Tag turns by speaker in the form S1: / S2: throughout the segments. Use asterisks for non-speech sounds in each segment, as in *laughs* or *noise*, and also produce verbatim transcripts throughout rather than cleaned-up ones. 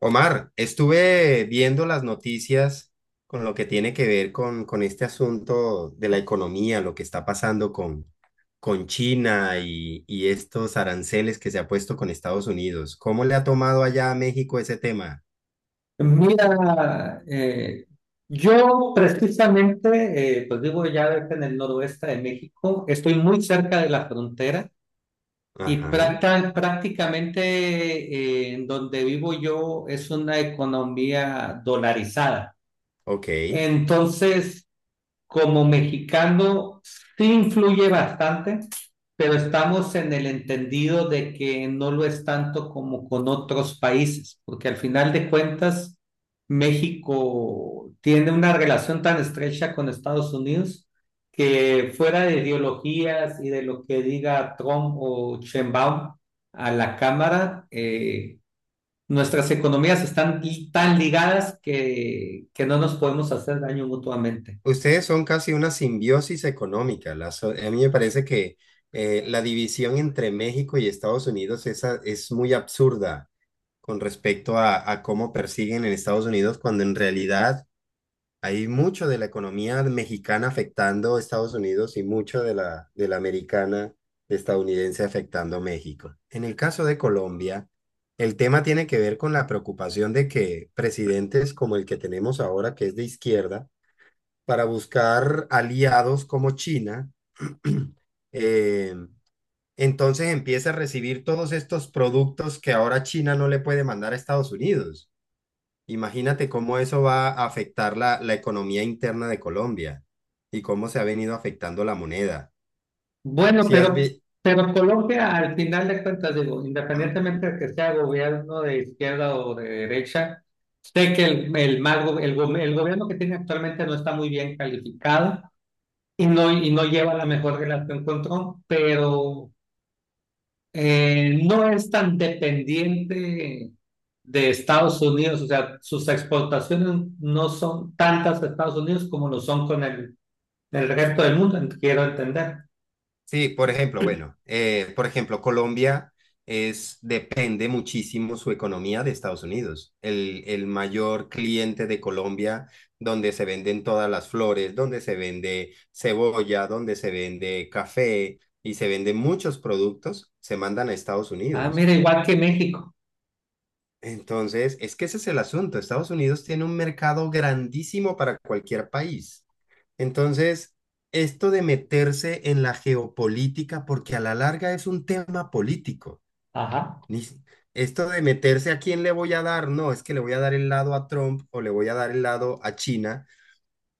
S1: Omar, estuve viendo las noticias con lo que tiene que ver con, con este asunto de la economía, lo que está pasando con, con China y, y estos aranceles que se ha puesto con Estados Unidos. ¿Cómo le ha tomado allá a México ese tema?
S2: Mira, eh, yo precisamente, eh, pues vivo ya en el noroeste de México, estoy muy cerca de la frontera y
S1: Ajá.
S2: prácta- prácticamente eh, en donde vivo yo es una economía dolarizada.
S1: Ok.
S2: Entonces, como mexicano sí influye bastante, pero estamos en el entendido de que no lo es tanto como con otros países, porque al final de cuentas México tiene una relación tan estrecha con Estados Unidos que fuera de ideologías y de lo que diga Trump o Sheinbaum a la Cámara, eh, nuestras economías están tan ligadas que, que no nos podemos hacer daño mutuamente.
S1: Ustedes son casi una simbiosis económica. La so- a mí me parece que eh, la división entre México y Estados Unidos es, a- es muy absurda con respecto a, a cómo persiguen en Estados Unidos cuando en realidad... Hay mucho de la economía mexicana afectando a Estados Unidos y mucho de la, de la americana estadounidense afectando a México. En el caso de Colombia, el tema tiene que ver con la preocupación de que presidentes como el que tenemos ahora, que es de izquierda, para buscar aliados como China, *clears throat* eh, entonces empieza a recibir todos estos productos que ahora China no le puede mandar a Estados Unidos. Imagínate cómo eso va a afectar la, la economía interna de Colombia y cómo se ha venido afectando la moneda.
S2: Bueno,
S1: Si has
S2: pero,
S1: vi-
S2: pero Colombia, al final de cuentas, digo, independientemente de que sea gobierno de izquierda o de derecha, sé que el, el, mal go- el, go- el gobierno que tiene actualmente no está muy bien calificado y no, y no lleva la mejor relación con Trump, pero eh, no es tan dependiente de Estados Unidos, o sea, sus exportaciones no son tantas de Estados Unidos como lo son con el, el resto del mundo, quiero entender.
S1: Sí, por ejemplo, bueno, eh, por ejemplo, Colombia es, depende muchísimo su economía de Estados Unidos. El, el mayor cliente de Colombia, donde se venden todas las flores, donde se vende cebolla, donde se vende café y se venden muchos productos, se mandan a Estados
S2: Ah,
S1: Unidos.
S2: mira, igual que México.
S1: Entonces, es que ese es el asunto. Estados Unidos tiene un mercado grandísimo para cualquier país. Entonces, esto de meterse en la geopolítica, porque a la larga es un tema político.
S2: Ajá.
S1: Ni si- Esto de meterse a quién le voy a dar, no, es que le voy a dar el lado a Trump o le voy a dar el lado a China.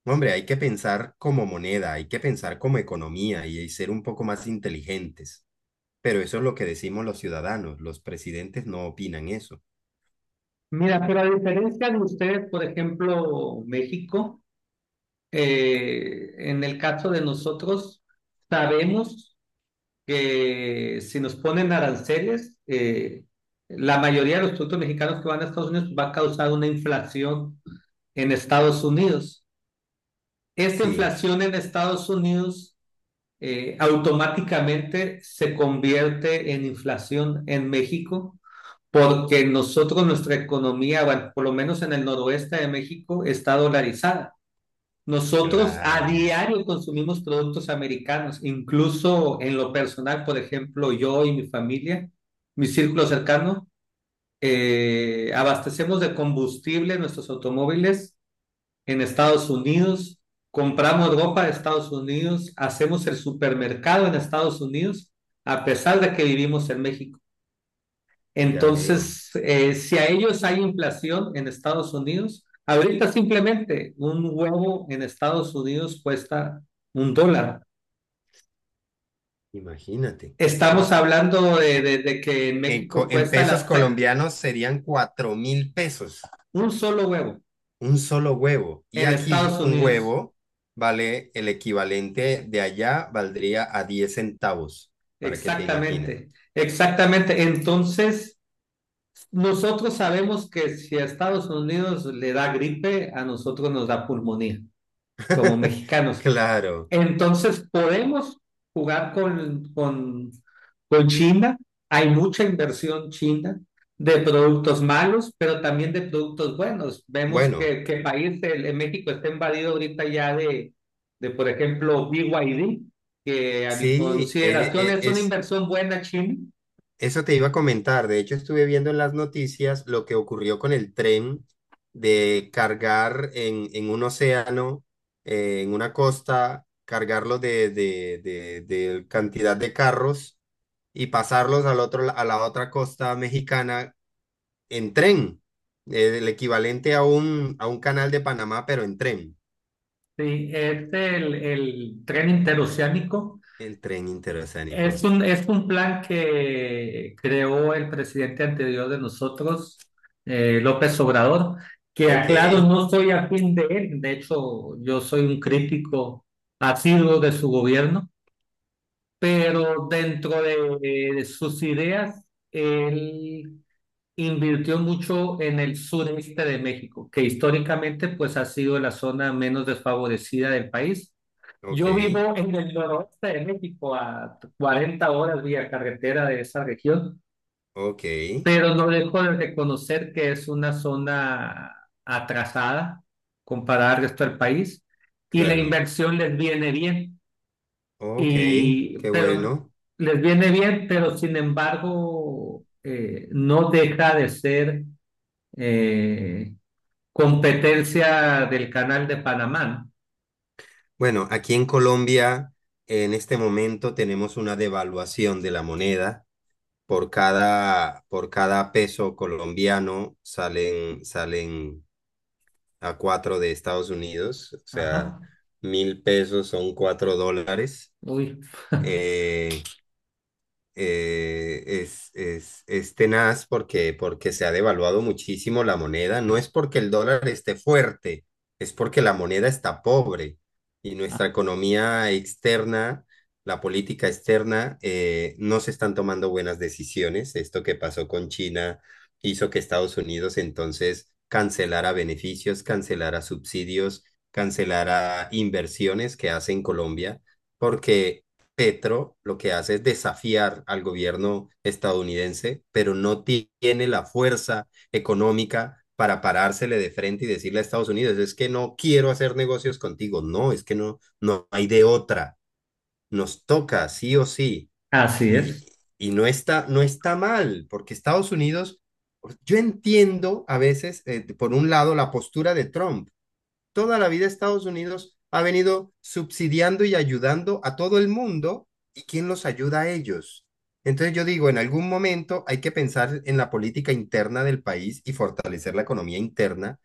S1: No, Hombre, hay que pensar como moneda, hay que pensar como economía y y ser un poco más inteligentes. Pero eso es lo que decimos los ciudadanos. Los presidentes no opinan eso.
S2: Mira, pero a diferencia de ustedes, por ejemplo, México, eh, en el caso de nosotros, sabemos que si nos ponen aranceles, eh, la mayoría de los productos mexicanos que van a Estados Unidos va a causar una inflación en Estados Unidos. Esta
S1: Sí.
S2: inflación en Estados Unidos eh, automáticamente se convierte en inflación en México porque nosotros, nuestra economía, bueno, por lo menos en el noroeste de México, está dolarizada. Nosotros a
S1: Claro,
S2: diario consumimos productos americanos, incluso en lo personal, por ejemplo, yo y mi familia, mi círculo cercano, eh, abastecemos de combustible nuestros automóviles en Estados Unidos, compramos ropa de Estados Unidos, hacemos el supermercado en Estados Unidos, a pesar de que vivimos en México.
S1: ya veo.
S2: Entonces, eh, si a ellos hay inflación en Estados Unidos, ahorita simplemente un huevo en Estados Unidos cuesta un dólar.
S1: Imagínate.
S2: Estamos
S1: Cuatro,
S2: hablando de, de- de que en
S1: en, co-
S2: México
S1: en
S2: cuesta
S1: pesos
S2: las
S1: colombianos serían cuatro mil pesos,
S2: un solo huevo,
S1: un solo huevo. Y
S2: en
S1: aquí
S2: Estados
S1: un
S2: Unidos.
S1: huevo vale el equivalente de allá, valdría a diez centavos, para que te imagines.
S2: Exactamente, exactamente. Entonces, nosotros sabemos que si a Estados Unidos le da gripe, a nosotros nos da pulmonía, como
S1: *laughs*
S2: mexicanos.
S1: Claro.
S2: Entonces podemos jugar con, con, con China. Hay mucha inversión china de productos malos, pero también de productos buenos. Vemos
S1: Bueno,
S2: que, que país, el, el México está invadido ahorita ya de, de, por ejemplo, B Y D, que a mi
S1: sí,
S2: consideración
S1: e-
S2: es
S1: e-
S2: una
S1: es,
S2: inversión buena china.
S1: eso te iba a comentar. De hecho, estuve viendo en las noticias lo que ocurrió con el tren de cargar en, en un océano, eh, en una costa, cargarlo de, de, de, de cantidad de carros y pasarlos al otro, la- a la otra costa mexicana en tren. Eh, el equivalente a un, a un canal de Panamá, pero en tren.
S2: Sí, es el, el tren interoceánico.
S1: El tren
S2: Es
S1: interoceánico.
S2: un, es un plan que creó el presidente anterior de nosotros, eh, López Obrador, que
S1: Ok,
S2: aclaro, no soy afín de él, de hecho yo soy un crítico asiduo de su gobierno, pero dentro de, de sus ideas, él invirtió mucho en el sureste de México, que históricamente pues ha sido la zona menos desfavorecida del país.
S1: ok,
S2: Yo vivo en el noroeste de México, a cuarenta horas vía carretera de esa región,
S1: ok,
S2: pero no dejo de reconocer que es una zona atrasada comparada al resto del país y la
S1: claro.
S2: inversión les viene bien,
S1: Ok,
S2: y,
S1: qué
S2: pero
S1: bueno.
S2: les viene bien, pero sin embargo eh, no deja de ser eh, competencia del Canal de Panamá.
S1: Bueno, aquí en Colombia, en este momento tenemos una devaluación de la moneda. Por cada, por cada peso colombiano salen, salen a cuatro de Estados Unidos. O
S2: ¿No?
S1: sea,
S2: Ajá.
S1: mil pesos son cuatro dólares.
S2: Uy. *laughs*
S1: Eh, eh, es, es, es tenaz porque, porque se ha devaluado muchísimo la moneda. No es porque el dólar esté fuerte, es porque la moneda está pobre y nuestra economía externa, la política externa, eh, no se están tomando buenas decisiones. Esto que pasó con China hizo que Estados Unidos entonces cancelara beneficios, cancelara subsidios, cancelara inversiones que hace en Colombia porque Petro lo que hace es desafiar al gobierno estadounidense, pero no tiene la fuerza económica para parársele de frente y decirle a Estados Unidos, es que no quiero hacer negocios contigo, no, es que no, no hay de otra, nos toca sí o sí,
S2: Así
S1: y,
S2: es.
S1: y no está, no está mal, porque Estados Unidos, yo entiendo a veces, eh, por un lado, la postura de Trump, toda la vida Estados Unidos ha venido subsidiando y ayudando a todo el mundo, ¿y quién los ayuda a ellos? Entonces yo digo, en algún momento hay que pensar en la política interna del país y fortalecer la economía interna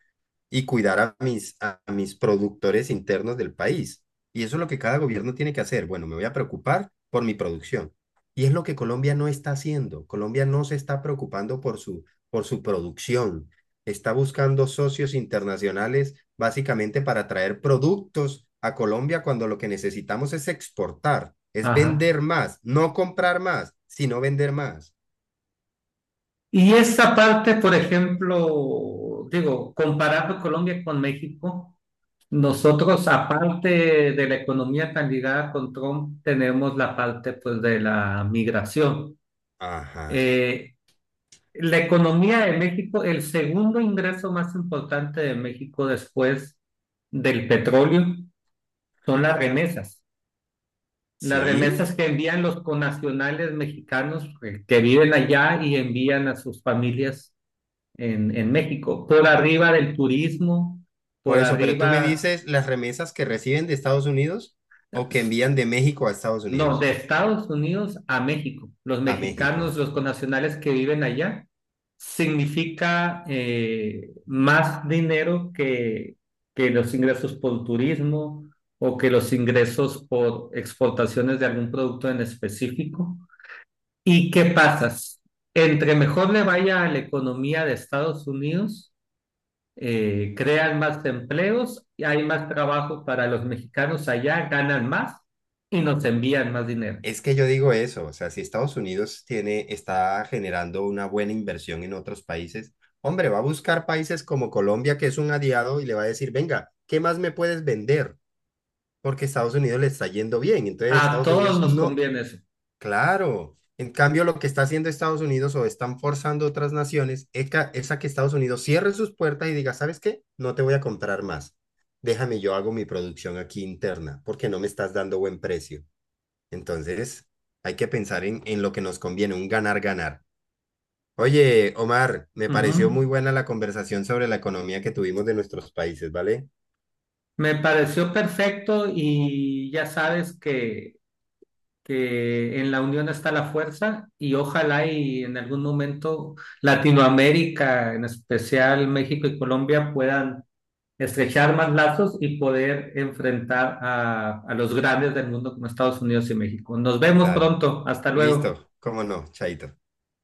S1: y cuidar a mis, a mis productores internos del país. Y eso es lo que cada gobierno tiene que hacer. Bueno, me voy a preocupar por mi producción. Y es lo que Colombia no está haciendo. Colombia no se está preocupando por su, por su producción. Está buscando socios internacionales básicamente para traer productos a Colombia cuando lo que necesitamos es exportar, es
S2: Ajá.
S1: vender más, no comprar más, sino vender más.
S2: Y esa parte, por ejemplo, digo, comparando Colombia con México, nosotros, aparte de la economía tan ligada con Trump, tenemos la parte, pues, de la migración.
S1: Ajá.
S2: Eh, la economía de México, el segundo ingreso más importante de México después del petróleo, son las remesas. Las
S1: ¿Sí?
S2: remesas que envían los conacionales mexicanos eh, que viven allá y envían a sus familias en, en México, por arriba del turismo,
S1: Por
S2: por
S1: eso, pero tú me
S2: arriba,
S1: dices las remesas que reciben de Estados Unidos o que envían de México a Estados
S2: no, de
S1: Unidos,
S2: Estados Unidos a México. Los
S1: a México.
S2: mexicanos, los connacionales que viven allá, significa eh, más dinero que, que los ingresos por turismo o que los ingresos por exportaciones de algún producto en específico. ¿Y qué pasa? Entre mejor le vaya a la economía de Estados Unidos, eh, crean más empleos, y hay más trabajo para los mexicanos allá, ganan más y nos envían más dinero.
S1: Es que yo digo eso, o sea, si Estados Unidos tiene, está generando una buena inversión en otros países, hombre, va a buscar países como Colombia, que es un aliado, y le va a decir, venga, ¿qué más me puedes vender? Porque Estados Unidos le está yendo bien. Entonces,
S2: A
S1: Estados
S2: todos
S1: Unidos
S2: nos
S1: no,
S2: conviene eso.
S1: claro. En cambio, lo que está haciendo Estados Unidos o están forzando otras naciones eca- es a que Estados Unidos cierre sus puertas y diga, ¿sabes qué? No te voy a comprar más. Déjame, yo hago mi producción aquí interna porque no me estás dando buen precio. Entonces, hay que pensar en, en lo que nos conviene, un ganar-ganar. Oye, Omar, me pareció
S2: Ujú.
S1: muy buena la conversación sobre la economía que tuvimos de nuestros países, ¿vale?
S2: Me pareció perfecto y ya sabes que, que en la unión está la fuerza y ojalá y en algún momento Latinoamérica, en especial México y Colombia, puedan estrechar más lazos y poder enfrentar a, a los grandes del mundo como Estados Unidos y México. Nos vemos
S1: Dale.
S2: pronto. Hasta luego.
S1: Listo, cómo no, chaito.